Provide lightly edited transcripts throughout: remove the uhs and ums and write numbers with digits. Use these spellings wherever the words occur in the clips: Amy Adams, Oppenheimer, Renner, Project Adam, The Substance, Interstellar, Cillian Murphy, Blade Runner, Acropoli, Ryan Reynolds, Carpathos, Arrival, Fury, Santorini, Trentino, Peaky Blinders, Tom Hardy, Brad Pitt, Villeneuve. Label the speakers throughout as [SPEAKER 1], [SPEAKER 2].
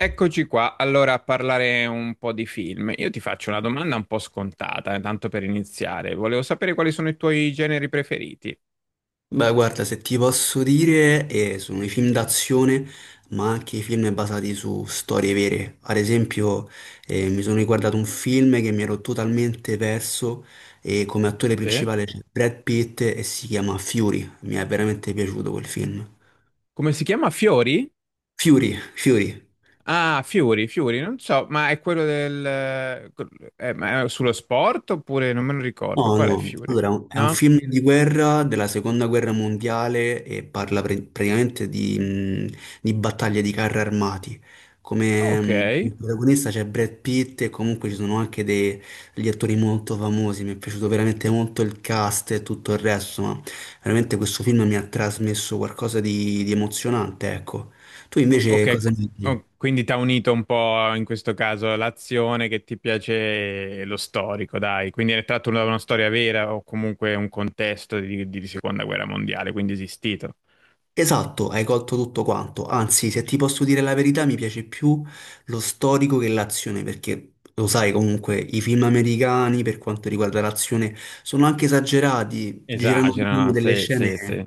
[SPEAKER 1] Eccoci qua, allora a parlare un po' di film. Io ti faccio una domanda un po' scontata, tanto per iniziare. Volevo sapere quali sono i tuoi generi preferiti.
[SPEAKER 2] Beh, guarda, se ti posso dire, sono i film d'azione, ma anche i film basati su storie vere. Ad esempio, mi sono riguardato un film che mi ero totalmente perso e come attore
[SPEAKER 1] Sì.
[SPEAKER 2] principale c'è Brad Pitt e si chiama Fury. Mi è veramente piaciuto quel film.
[SPEAKER 1] Come si chiama? Fiori?
[SPEAKER 2] Fury, Fury.
[SPEAKER 1] Ah, Fiori, Fiori, non so, ma è quello del... ma è sullo sport oppure non me lo ricordo.
[SPEAKER 2] No,
[SPEAKER 1] Qual è
[SPEAKER 2] no,
[SPEAKER 1] Fiori?
[SPEAKER 2] allora è un
[SPEAKER 1] No?
[SPEAKER 2] film di guerra della seconda guerra mondiale e parla praticamente di battaglie di carri armati. Come,
[SPEAKER 1] Ok.
[SPEAKER 2] mh, come protagonista c'è Brad Pitt e comunque ci sono anche degli attori molto famosi. Mi è piaciuto veramente molto il cast e tutto il resto, ma veramente questo film mi ha trasmesso qualcosa di emozionante, ecco. Tu invece
[SPEAKER 1] Ok,
[SPEAKER 2] cosa ne dici?
[SPEAKER 1] oh, quindi ti ha unito un po' in questo caso l'azione che ti piace e lo storico, dai. Quindi è tratto da una storia vera o comunque un contesto di seconda guerra mondiale, quindi esistito.
[SPEAKER 2] Esatto, hai colto tutto quanto. Anzi, se ti posso dire la verità, mi piace più lo storico che l'azione, perché lo sai comunque, i film americani per quanto riguarda l'azione sono anche esagerati, girano
[SPEAKER 1] Esagera,
[SPEAKER 2] diciamo delle
[SPEAKER 1] sì,
[SPEAKER 2] scene
[SPEAKER 1] sì, sì.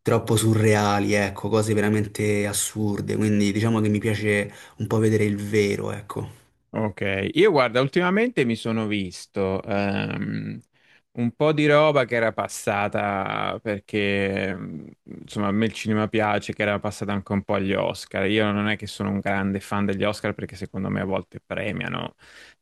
[SPEAKER 2] troppo surreali, ecco, cose veramente assurde, quindi diciamo che mi piace un po' vedere il vero, ecco.
[SPEAKER 1] Ok, io guarda, ultimamente mi sono visto un po' di roba che era passata perché insomma a me il cinema piace, che era passata anche un po' agli Oscar. Io non è che sono un grande fan degli Oscar perché secondo me a volte premiano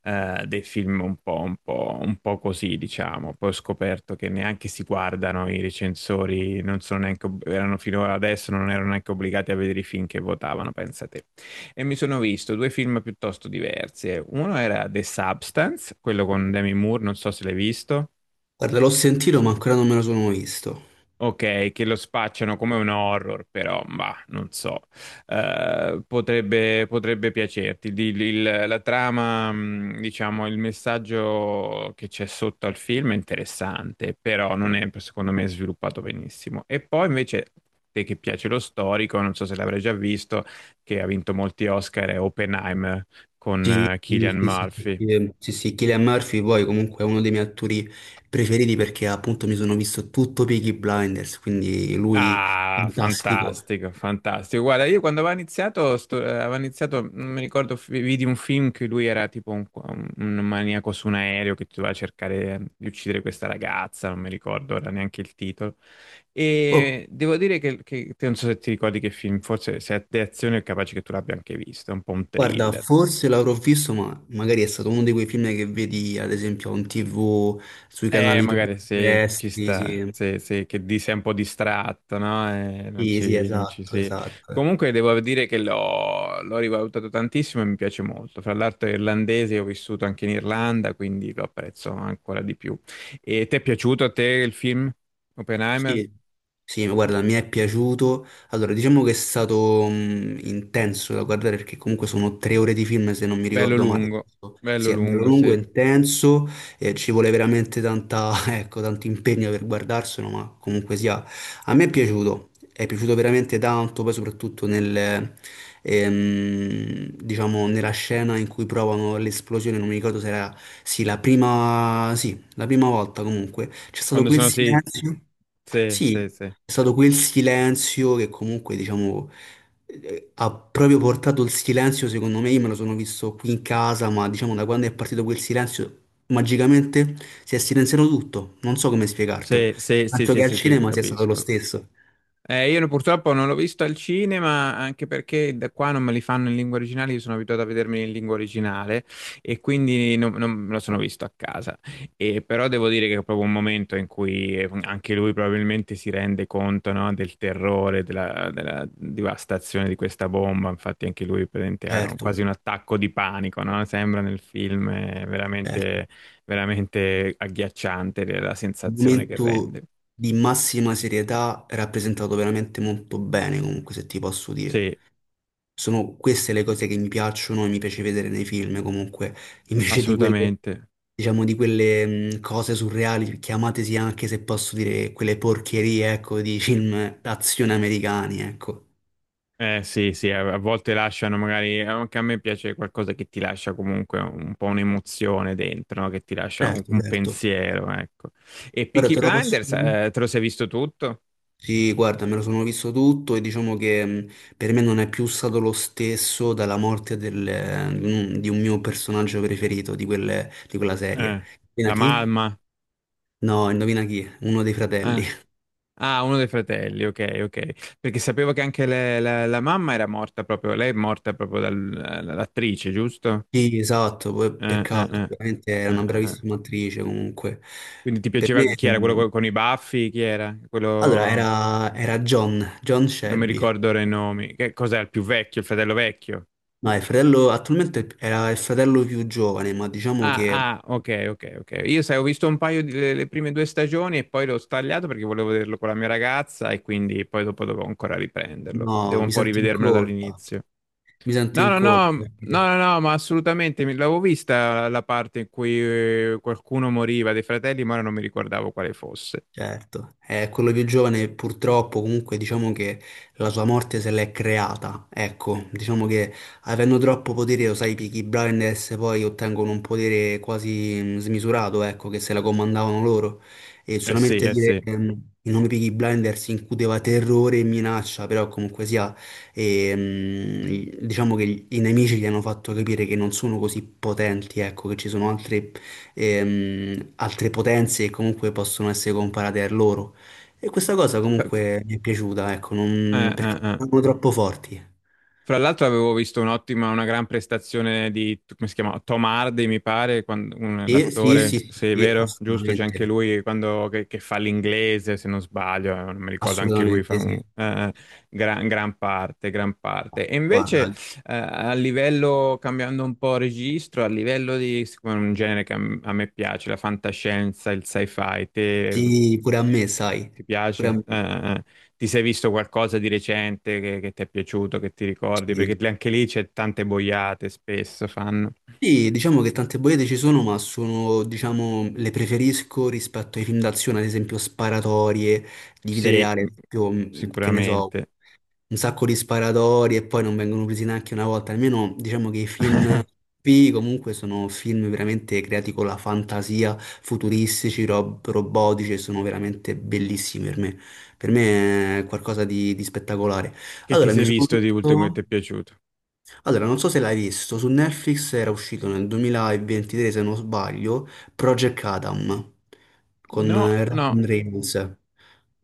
[SPEAKER 1] dei film un po', un po', un po' così, diciamo. Poi ho scoperto che neanche si guardano i recensori, non sono neanche, erano fino ad adesso non erano neanche obbligati a vedere i film che votavano, pensate e mi sono visto due film piuttosto diversi. Uno era The Substance, quello con Demi Moore, non so se l'hai visto.
[SPEAKER 2] Guarda, l'ho sentito, ma ancora non me lo sono visto.
[SPEAKER 1] Ok, che lo spacciano come un horror, però, ma non so, eh, potrebbe, potrebbe piacerti. La trama, diciamo, il messaggio che c'è sotto al film è interessante, però non è, secondo me, sviluppato benissimo. E poi invece, te che piace lo storico, non so se l'avrai già visto, che ha vinto molti Oscar, è Oppenheimer con
[SPEAKER 2] Sì,
[SPEAKER 1] Cillian
[SPEAKER 2] sì, sì, sì, sì,
[SPEAKER 1] Murphy.
[SPEAKER 2] sì, sì, sì, Cillian Murphy poi comunque è uno dei miei attori preferiti perché appunto mi sono visto tutto Peaky Blinders, quindi lui
[SPEAKER 1] Ah,
[SPEAKER 2] fantastico.
[SPEAKER 1] fantastico, fantastico. Guarda, io quando aveva iniziato, aveva iniziato, non mi ricordo, vidi un film che lui era tipo un maniaco su un aereo che doveva cercare di uccidere questa ragazza, non mi ricordo ora neanche il titolo.
[SPEAKER 2] Oh,
[SPEAKER 1] E devo dire che, che non so se ti ricordi che film, forse se è di azione è capace che tu l'abbia anche visto, è un po' un
[SPEAKER 2] guarda,
[SPEAKER 1] thriller.
[SPEAKER 2] forse l'avrò visto, ma magari è stato uno di quei film che vedi ad esempio on TV, sui canali
[SPEAKER 1] Magari sì, ci
[SPEAKER 2] terrestri,
[SPEAKER 1] sta,
[SPEAKER 2] sì.
[SPEAKER 1] sì, sì, che di sei un po' distratto, no?
[SPEAKER 2] Sì, sì,
[SPEAKER 1] Non ci
[SPEAKER 2] esatto,
[SPEAKER 1] sei.
[SPEAKER 2] esatto.
[SPEAKER 1] Comunque devo dire che l'ho rivalutato tantissimo e mi piace molto. Fra l'altro è irlandese, ho vissuto anche in Irlanda, quindi lo apprezzo ancora di più. E ti è piaciuto a te il film Oppenheimer?
[SPEAKER 2] Sì, sì, ma guarda, mi è piaciuto. Allora, diciamo che è stato intenso da guardare perché comunque sono tre ore di film, se non mi
[SPEAKER 1] Bello
[SPEAKER 2] ricordo male.
[SPEAKER 1] lungo, bello
[SPEAKER 2] Sì, è bello
[SPEAKER 1] lungo,
[SPEAKER 2] lungo,
[SPEAKER 1] sì.
[SPEAKER 2] intenso, ci vuole veramente tanta, ecco, tanto impegno per guardarselo, ma comunque sia, a me è piaciuto veramente tanto, poi soprattutto diciamo, nella scena in cui provano l'esplosione, non mi ricordo se era, sì, la prima volta comunque, c'è stato
[SPEAKER 1] Quando
[SPEAKER 2] quel
[SPEAKER 1] sono sì,
[SPEAKER 2] silenzio.
[SPEAKER 1] sì,
[SPEAKER 2] Sì,
[SPEAKER 1] sì, sì,
[SPEAKER 2] è stato quel silenzio che comunque, diciamo, ha proprio portato il silenzio, secondo me, io me lo sono visto qui in casa, ma diciamo da quando è partito quel silenzio, magicamente si è silenziato tutto, non so come spiegartelo.
[SPEAKER 1] sì, sì, sì,
[SPEAKER 2] Tanto
[SPEAKER 1] sì,
[SPEAKER 2] che al
[SPEAKER 1] sì, sì,
[SPEAKER 2] cinema sia stato lo
[SPEAKER 1] capisco.
[SPEAKER 2] stesso,
[SPEAKER 1] Io purtroppo non l'ho visto al cinema, anche perché da qua non me li fanno in lingua originale, io sono abituato a vedermi in lingua originale e quindi non, non me lo sono visto a casa. E però devo dire che è proprio un momento in cui anche lui probabilmente si rende conto, no, del terrore, della devastazione di questa bomba. Infatti anche lui praticamente, ha
[SPEAKER 2] certo,
[SPEAKER 1] quasi un attacco di panico, no? Sembra nel film, è
[SPEAKER 2] certo.
[SPEAKER 1] veramente, veramente agghiacciante la
[SPEAKER 2] Un
[SPEAKER 1] sensazione che rende.
[SPEAKER 2] momento di massima serietà rappresentato veramente molto bene, comunque, se ti posso dire.
[SPEAKER 1] Sì,
[SPEAKER 2] Sono queste le cose che mi piacciono e mi piace vedere nei film, comunque, invece di quelle
[SPEAKER 1] assolutamente.
[SPEAKER 2] diciamo, di quelle cose surreali, chiamatesi anche se posso dire quelle porcherie, ecco, di film d'azione americani, ecco.
[SPEAKER 1] Eh sì, sì, a volte lasciano magari, anche a me piace qualcosa che ti lascia comunque un po' un'emozione dentro, no? Che ti lascia
[SPEAKER 2] Certo,
[SPEAKER 1] un
[SPEAKER 2] certo.
[SPEAKER 1] pensiero, ecco. E
[SPEAKER 2] Guarda,
[SPEAKER 1] Peaky
[SPEAKER 2] te lo posso
[SPEAKER 1] Blinders,
[SPEAKER 2] dire?
[SPEAKER 1] te lo sei visto tutto?
[SPEAKER 2] Sì, guarda, me lo sono visto tutto e diciamo che per me non è più stato lo stesso dalla morte di un mio personaggio preferito di quella serie.
[SPEAKER 1] Eh,
[SPEAKER 2] Indovina
[SPEAKER 1] la
[SPEAKER 2] chi?
[SPEAKER 1] mamma?
[SPEAKER 2] No, indovina chi? Uno dei fratelli.
[SPEAKER 1] Eh. Ah, uno dei fratelli, ok, ok. Perché sapevo che anche la mamma era morta proprio, lei è morta proprio dall'attrice, giusto?
[SPEAKER 2] Sì, esatto, poi peccato,
[SPEAKER 1] Eh.
[SPEAKER 2] veramente era una
[SPEAKER 1] Eh.
[SPEAKER 2] bravissima attrice comunque.
[SPEAKER 1] Quindi ti
[SPEAKER 2] Per
[SPEAKER 1] piaceva
[SPEAKER 2] me...
[SPEAKER 1] chi era quello
[SPEAKER 2] mhmm.
[SPEAKER 1] con, i baffi? Chi era?
[SPEAKER 2] Allora,
[SPEAKER 1] Quello...
[SPEAKER 2] era John, John
[SPEAKER 1] Non mi
[SPEAKER 2] Shelby.
[SPEAKER 1] ricordo ora i nomi. Che cos'è il più vecchio, il fratello vecchio?
[SPEAKER 2] No, il fratello, attualmente era il fratello più giovane, ma diciamo
[SPEAKER 1] Ah,
[SPEAKER 2] che
[SPEAKER 1] ah, ok, ok, ok. Io sai, ho visto un paio di le prime due stagioni e poi l'ho stagliato perché volevo vederlo con la mia ragazza e quindi poi dopo dovevo ancora riprenderlo. Devo
[SPEAKER 2] no,
[SPEAKER 1] un
[SPEAKER 2] mi
[SPEAKER 1] po'
[SPEAKER 2] sento in
[SPEAKER 1] rivedermelo
[SPEAKER 2] colpa,
[SPEAKER 1] dall'inizio.
[SPEAKER 2] mi sento
[SPEAKER 1] No,
[SPEAKER 2] in
[SPEAKER 1] no,
[SPEAKER 2] colpa
[SPEAKER 1] no, no, no,
[SPEAKER 2] perché.
[SPEAKER 1] no, ma assolutamente, mi l'avevo vista la parte in cui qualcuno moriva dei fratelli, ma ora non mi ricordavo quale fosse.
[SPEAKER 2] Certo. Quello più giovane purtroppo comunque diciamo che la sua morte se l'è creata, ecco, diciamo che avendo troppo potere, lo sai, i Peaky Blinders poi ottengono un potere quasi smisurato, ecco, che se la comandavano loro e
[SPEAKER 1] Eh sì,
[SPEAKER 2] solamente
[SPEAKER 1] eh
[SPEAKER 2] dire
[SPEAKER 1] sì.
[SPEAKER 2] il nome Peaky Blinders incuteva terrore e minaccia, però comunque sia, diciamo che i nemici gli hanno fatto capire che non sono così potenti, ecco, che ci sono altre potenze che comunque possono essere comparate a loro. E questa cosa
[SPEAKER 1] Fa-
[SPEAKER 2] comunque mi è piaciuta, ecco,
[SPEAKER 1] eh,
[SPEAKER 2] perché non sono troppo forti.
[SPEAKER 1] fra l'altro avevo visto un'ottima, una gran prestazione di, come si chiama? Tom Hardy, mi pare,
[SPEAKER 2] Sì, sì, sì,
[SPEAKER 1] l'attore,
[SPEAKER 2] sì,
[SPEAKER 1] se è
[SPEAKER 2] sì,
[SPEAKER 1] vero, giusto, c'è anche
[SPEAKER 2] assolutamente,
[SPEAKER 1] lui che fa l'inglese, se non sbaglio, non mi ricordo, anche lui fa
[SPEAKER 2] assolutamente
[SPEAKER 1] un,
[SPEAKER 2] sì.
[SPEAKER 1] gran, gran parte, gran parte. E invece,
[SPEAKER 2] Guarda,
[SPEAKER 1] a livello, cambiando un po' registro, a livello di, siccome è un genere che a me piace, la fantascienza, il sci-fi,
[SPEAKER 2] sì, pure a me, sai,
[SPEAKER 1] ti
[SPEAKER 2] pure a
[SPEAKER 1] piace?
[SPEAKER 2] me.
[SPEAKER 1] Ti sei visto qualcosa di recente che ti è piaciuto, che ti ricordi?
[SPEAKER 2] Sì.
[SPEAKER 1] Perché anche lì c'è tante boiate, spesso fanno.
[SPEAKER 2] Sì, diciamo che tante bollette ci sono, ma sono, diciamo, le preferisco rispetto ai film d'azione, ad esempio sparatorie, di vita
[SPEAKER 1] Sì,
[SPEAKER 2] reale, ad esempio, che ne so,
[SPEAKER 1] sicuramente.
[SPEAKER 2] un sacco di sparatori e poi non vengono presi neanche una volta. Almeno diciamo che i film P comunque sono film veramente creati con la fantasia, futuristici, robotici e sono veramente bellissimi per me. Per me è qualcosa di spettacolare.
[SPEAKER 1] Che ti
[SPEAKER 2] Allora, mi
[SPEAKER 1] sei
[SPEAKER 2] sono
[SPEAKER 1] visto di ultimo che
[SPEAKER 2] visto...
[SPEAKER 1] ti è piaciuto?
[SPEAKER 2] Allora, non so se l'hai visto, su Netflix era uscito nel 2023, se non sbaglio, Project Adam con
[SPEAKER 1] No, no,
[SPEAKER 2] Ryan Reynolds.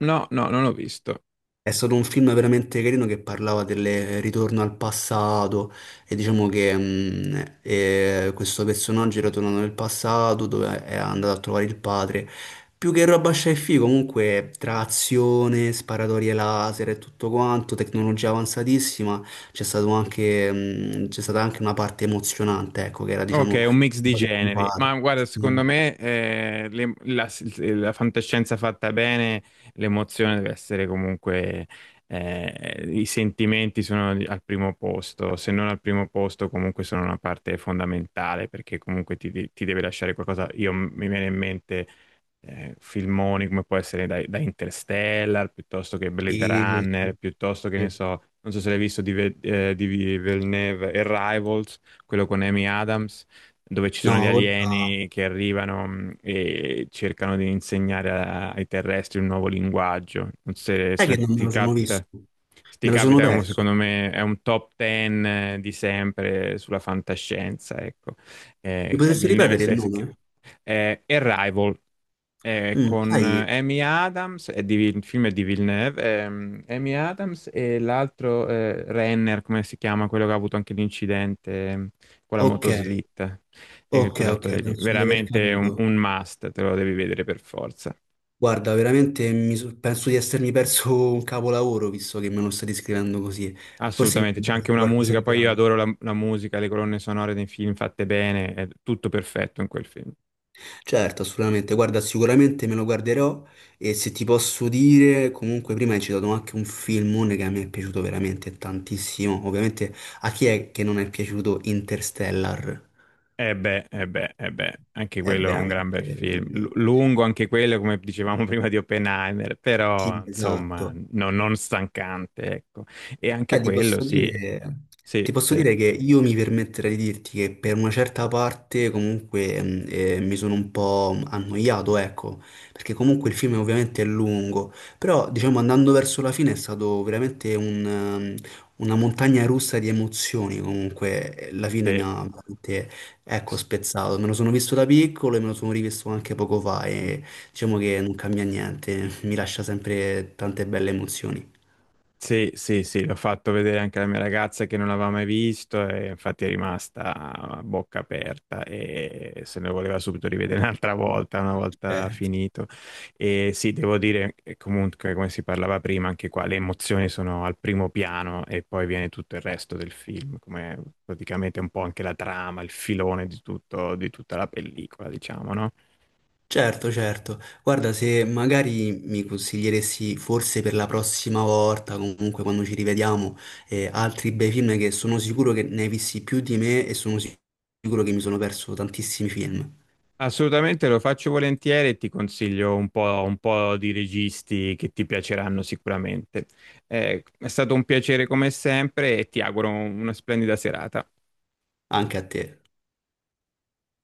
[SPEAKER 1] no, no, non l'ho visto.
[SPEAKER 2] È stato un film veramente carino che parlava del ritorno al passato e diciamo che questo personaggio era tornato nel passato dove è andato a trovare il padre. Più che roba sci fi comunque tra azione, sparatorie laser e tutto quanto, tecnologia avanzatissima, c'è stata anche una parte emozionante, ecco, che era diciamo
[SPEAKER 1] Ok,
[SPEAKER 2] un
[SPEAKER 1] un mix di
[SPEAKER 2] po'
[SPEAKER 1] generi, ma
[SPEAKER 2] pompato.
[SPEAKER 1] guarda, secondo
[SPEAKER 2] Sì,
[SPEAKER 1] me la fantascienza fatta bene, l'emozione deve essere comunque, i sentimenti sono al primo posto, se non al primo posto comunque sono una parte fondamentale perché comunque ti, ti deve lasciare qualcosa. Io mi viene in mente filmoni come può essere da Interstellar, piuttosto che
[SPEAKER 2] sì,
[SPEAKER 1] Blade Runner,
[SPEAKER 2] sì,
[SPEAKER 1] piuttosto che ne
[SPEAKER 2] sì.
[SPEAKER 1] so, non so se l'hai visto di Villeneuve, Arrival quello con Amy Adams, dove ci
[SPEAKER 2] No,
[SPEAKER 1] sono gli
[SPEAKER 2] guarda,
[SPEAKER 1] alieni che arrivano e cercano di insegnare ai terrestri un nuovo linguaggio. Non so se,
[SPEAKER 2] sai che
[SPEAKER 1] se
[SPEAKER 2] non me
[SPEAKER 1] ti
[SPEAKER 2] lo sono
[SPEAKER 1] capita.
[SPEAKER 2] visto,
[SPEAKER 1] Se ti
[SPEAKER 2] me lo sono
[SPEAKER 1] capita, è un-
[SPEAKER 2] perso.
[SPEAKER 1] secondo me è un top 10 di sempre sulla fantascienza, ecco.
[SPEAKER 2] Mi potresti
[SPEAKER 1] Villeneuve
[SPEAKER 2] ripetere il, sì, nome?
[SPEAKER 1] è Arrival, con
[SPEAKER 2] Sai,
[SPEAKER 1] Amy Adams, il film è di Villeneuve, Amy Adams e l'altro Renner, come si chiama, quello che ha avuto anche l'incidente con la
[SPEAKER 2] ok,
[SPEAKER 1] motoslitta, e
[SPEAKER 2] ok, ok,
[SPEAKER 1] quell'attore lì,
[SPEAKER 2] penso di aver
[SPEAKER 1] veramente
[SPEAKER 2] capito.
[SPEAKER 1] un must, te lo devi vedere per forza.
[SPEAKER 2] Guarda, veramente penso di essermi perso un capolavoro, visto che me lo stai scrivendo così. Forse mi
[SPEAKER 1] Assolutamente,
[SPEAKER 2] sono
[SPEAKER 1] c'è anche
[SPEAKER 2] perso
[SPEAKER 1] una
[SPEAKER 2] qualcosa
[SPEAKER 1] musica,
[SPEAKER 2] di
[SPEAKER 1] poi io
[SPEAKER 2] grande.
[SPEAKER 1] adoro la musica, le colonne sonore dei film fatte bene, è tutto perfetto in quel film.
[SPEAKER 2] Certo, assolutamente. Guarda, sicuramente me lo guarderò e se ti posso dire, comunque prima hai citato anche un filmone che a me è piaciuto veramente tantissimo. Ovviamente a chi è che non è piaciuto Interstellar?
[SPEAKER 1] Eh beh, eh beh, eh beh, anche
[SPEAKER 2] È
[SPEAKER 1] quello è un gran
[SPEAKER 2] veramente...
[SPEAKER 1] bel film.
[SPEAKER 2] mm,
[SPEAKER 1] L- lungo anche quello, come dicevamo prima di Oppenheimer, però
[SPEAKER 2] sì,
[SPEAKER 1] insomma,
[SPEAKER 2] esatto.
[SPEAKER 1] non stancante, ecco. E anche
[SPEAKER 2] Beh,
[SPEAKER 1] quello, sì,
[SPEAKER 2] ti
[SPEAKER 1] sì,
[SPEAKER 2] posso
[SPEAKER 1] sì,
[SPEAKER 2] dire che io mi permetterei di dirti che per una certa parte comunque mi sono un po' annoiato, ecco, perché comunque il film ovviamente è lungo, però diciamo andando verso la fine è stato veramente una montagna russa di emozioni, comunque la fine mi ha veramente, ecco,
[SPEAKER 1] sì.
[SPEAKER 2] spezzato, me lo sono visto da piccolo e me lo sono rivisto anche poco fa e diciamo che non cambia niente, mi lascia sempre tante belle emozioni.
[SPEAKER 1] Sì, sì, sì, l'ho fatto vedere anche alla mia ragazza che non l'aveva mai visto e infatti è rimasta a bocca aperta e se ne voleva subito rivedere un'altra volta, una volta
[SPEAKER 2] Eh,
[SPEAKER 1] finito. E sì, devo dire comunque, come si parlava prima, anche qua le emozioni sono al primo piano e poi viene tutto il resto del film, come praticamente un po' anche la trama, il filone di tutto, di tutta la pellicola, diciamo, no?
[SPEAKER 2] Certo, certo. Guarda, se magari mi consiglieresti forse per la prossima volta, comunque quando ci rivediamo, altri bei film che sono sicuro che ne hai visti più di me e sono sicuro che mi sono perso tantissimi film,
[SPEAKER 1] Assolutamente lo faccio volentieri e ti consiglio un po' di registi che ti piaceranno sicuramente. È stato un piacere come sempre e ti auguro una splendida serata.
[SPEAKER 2] anche a te.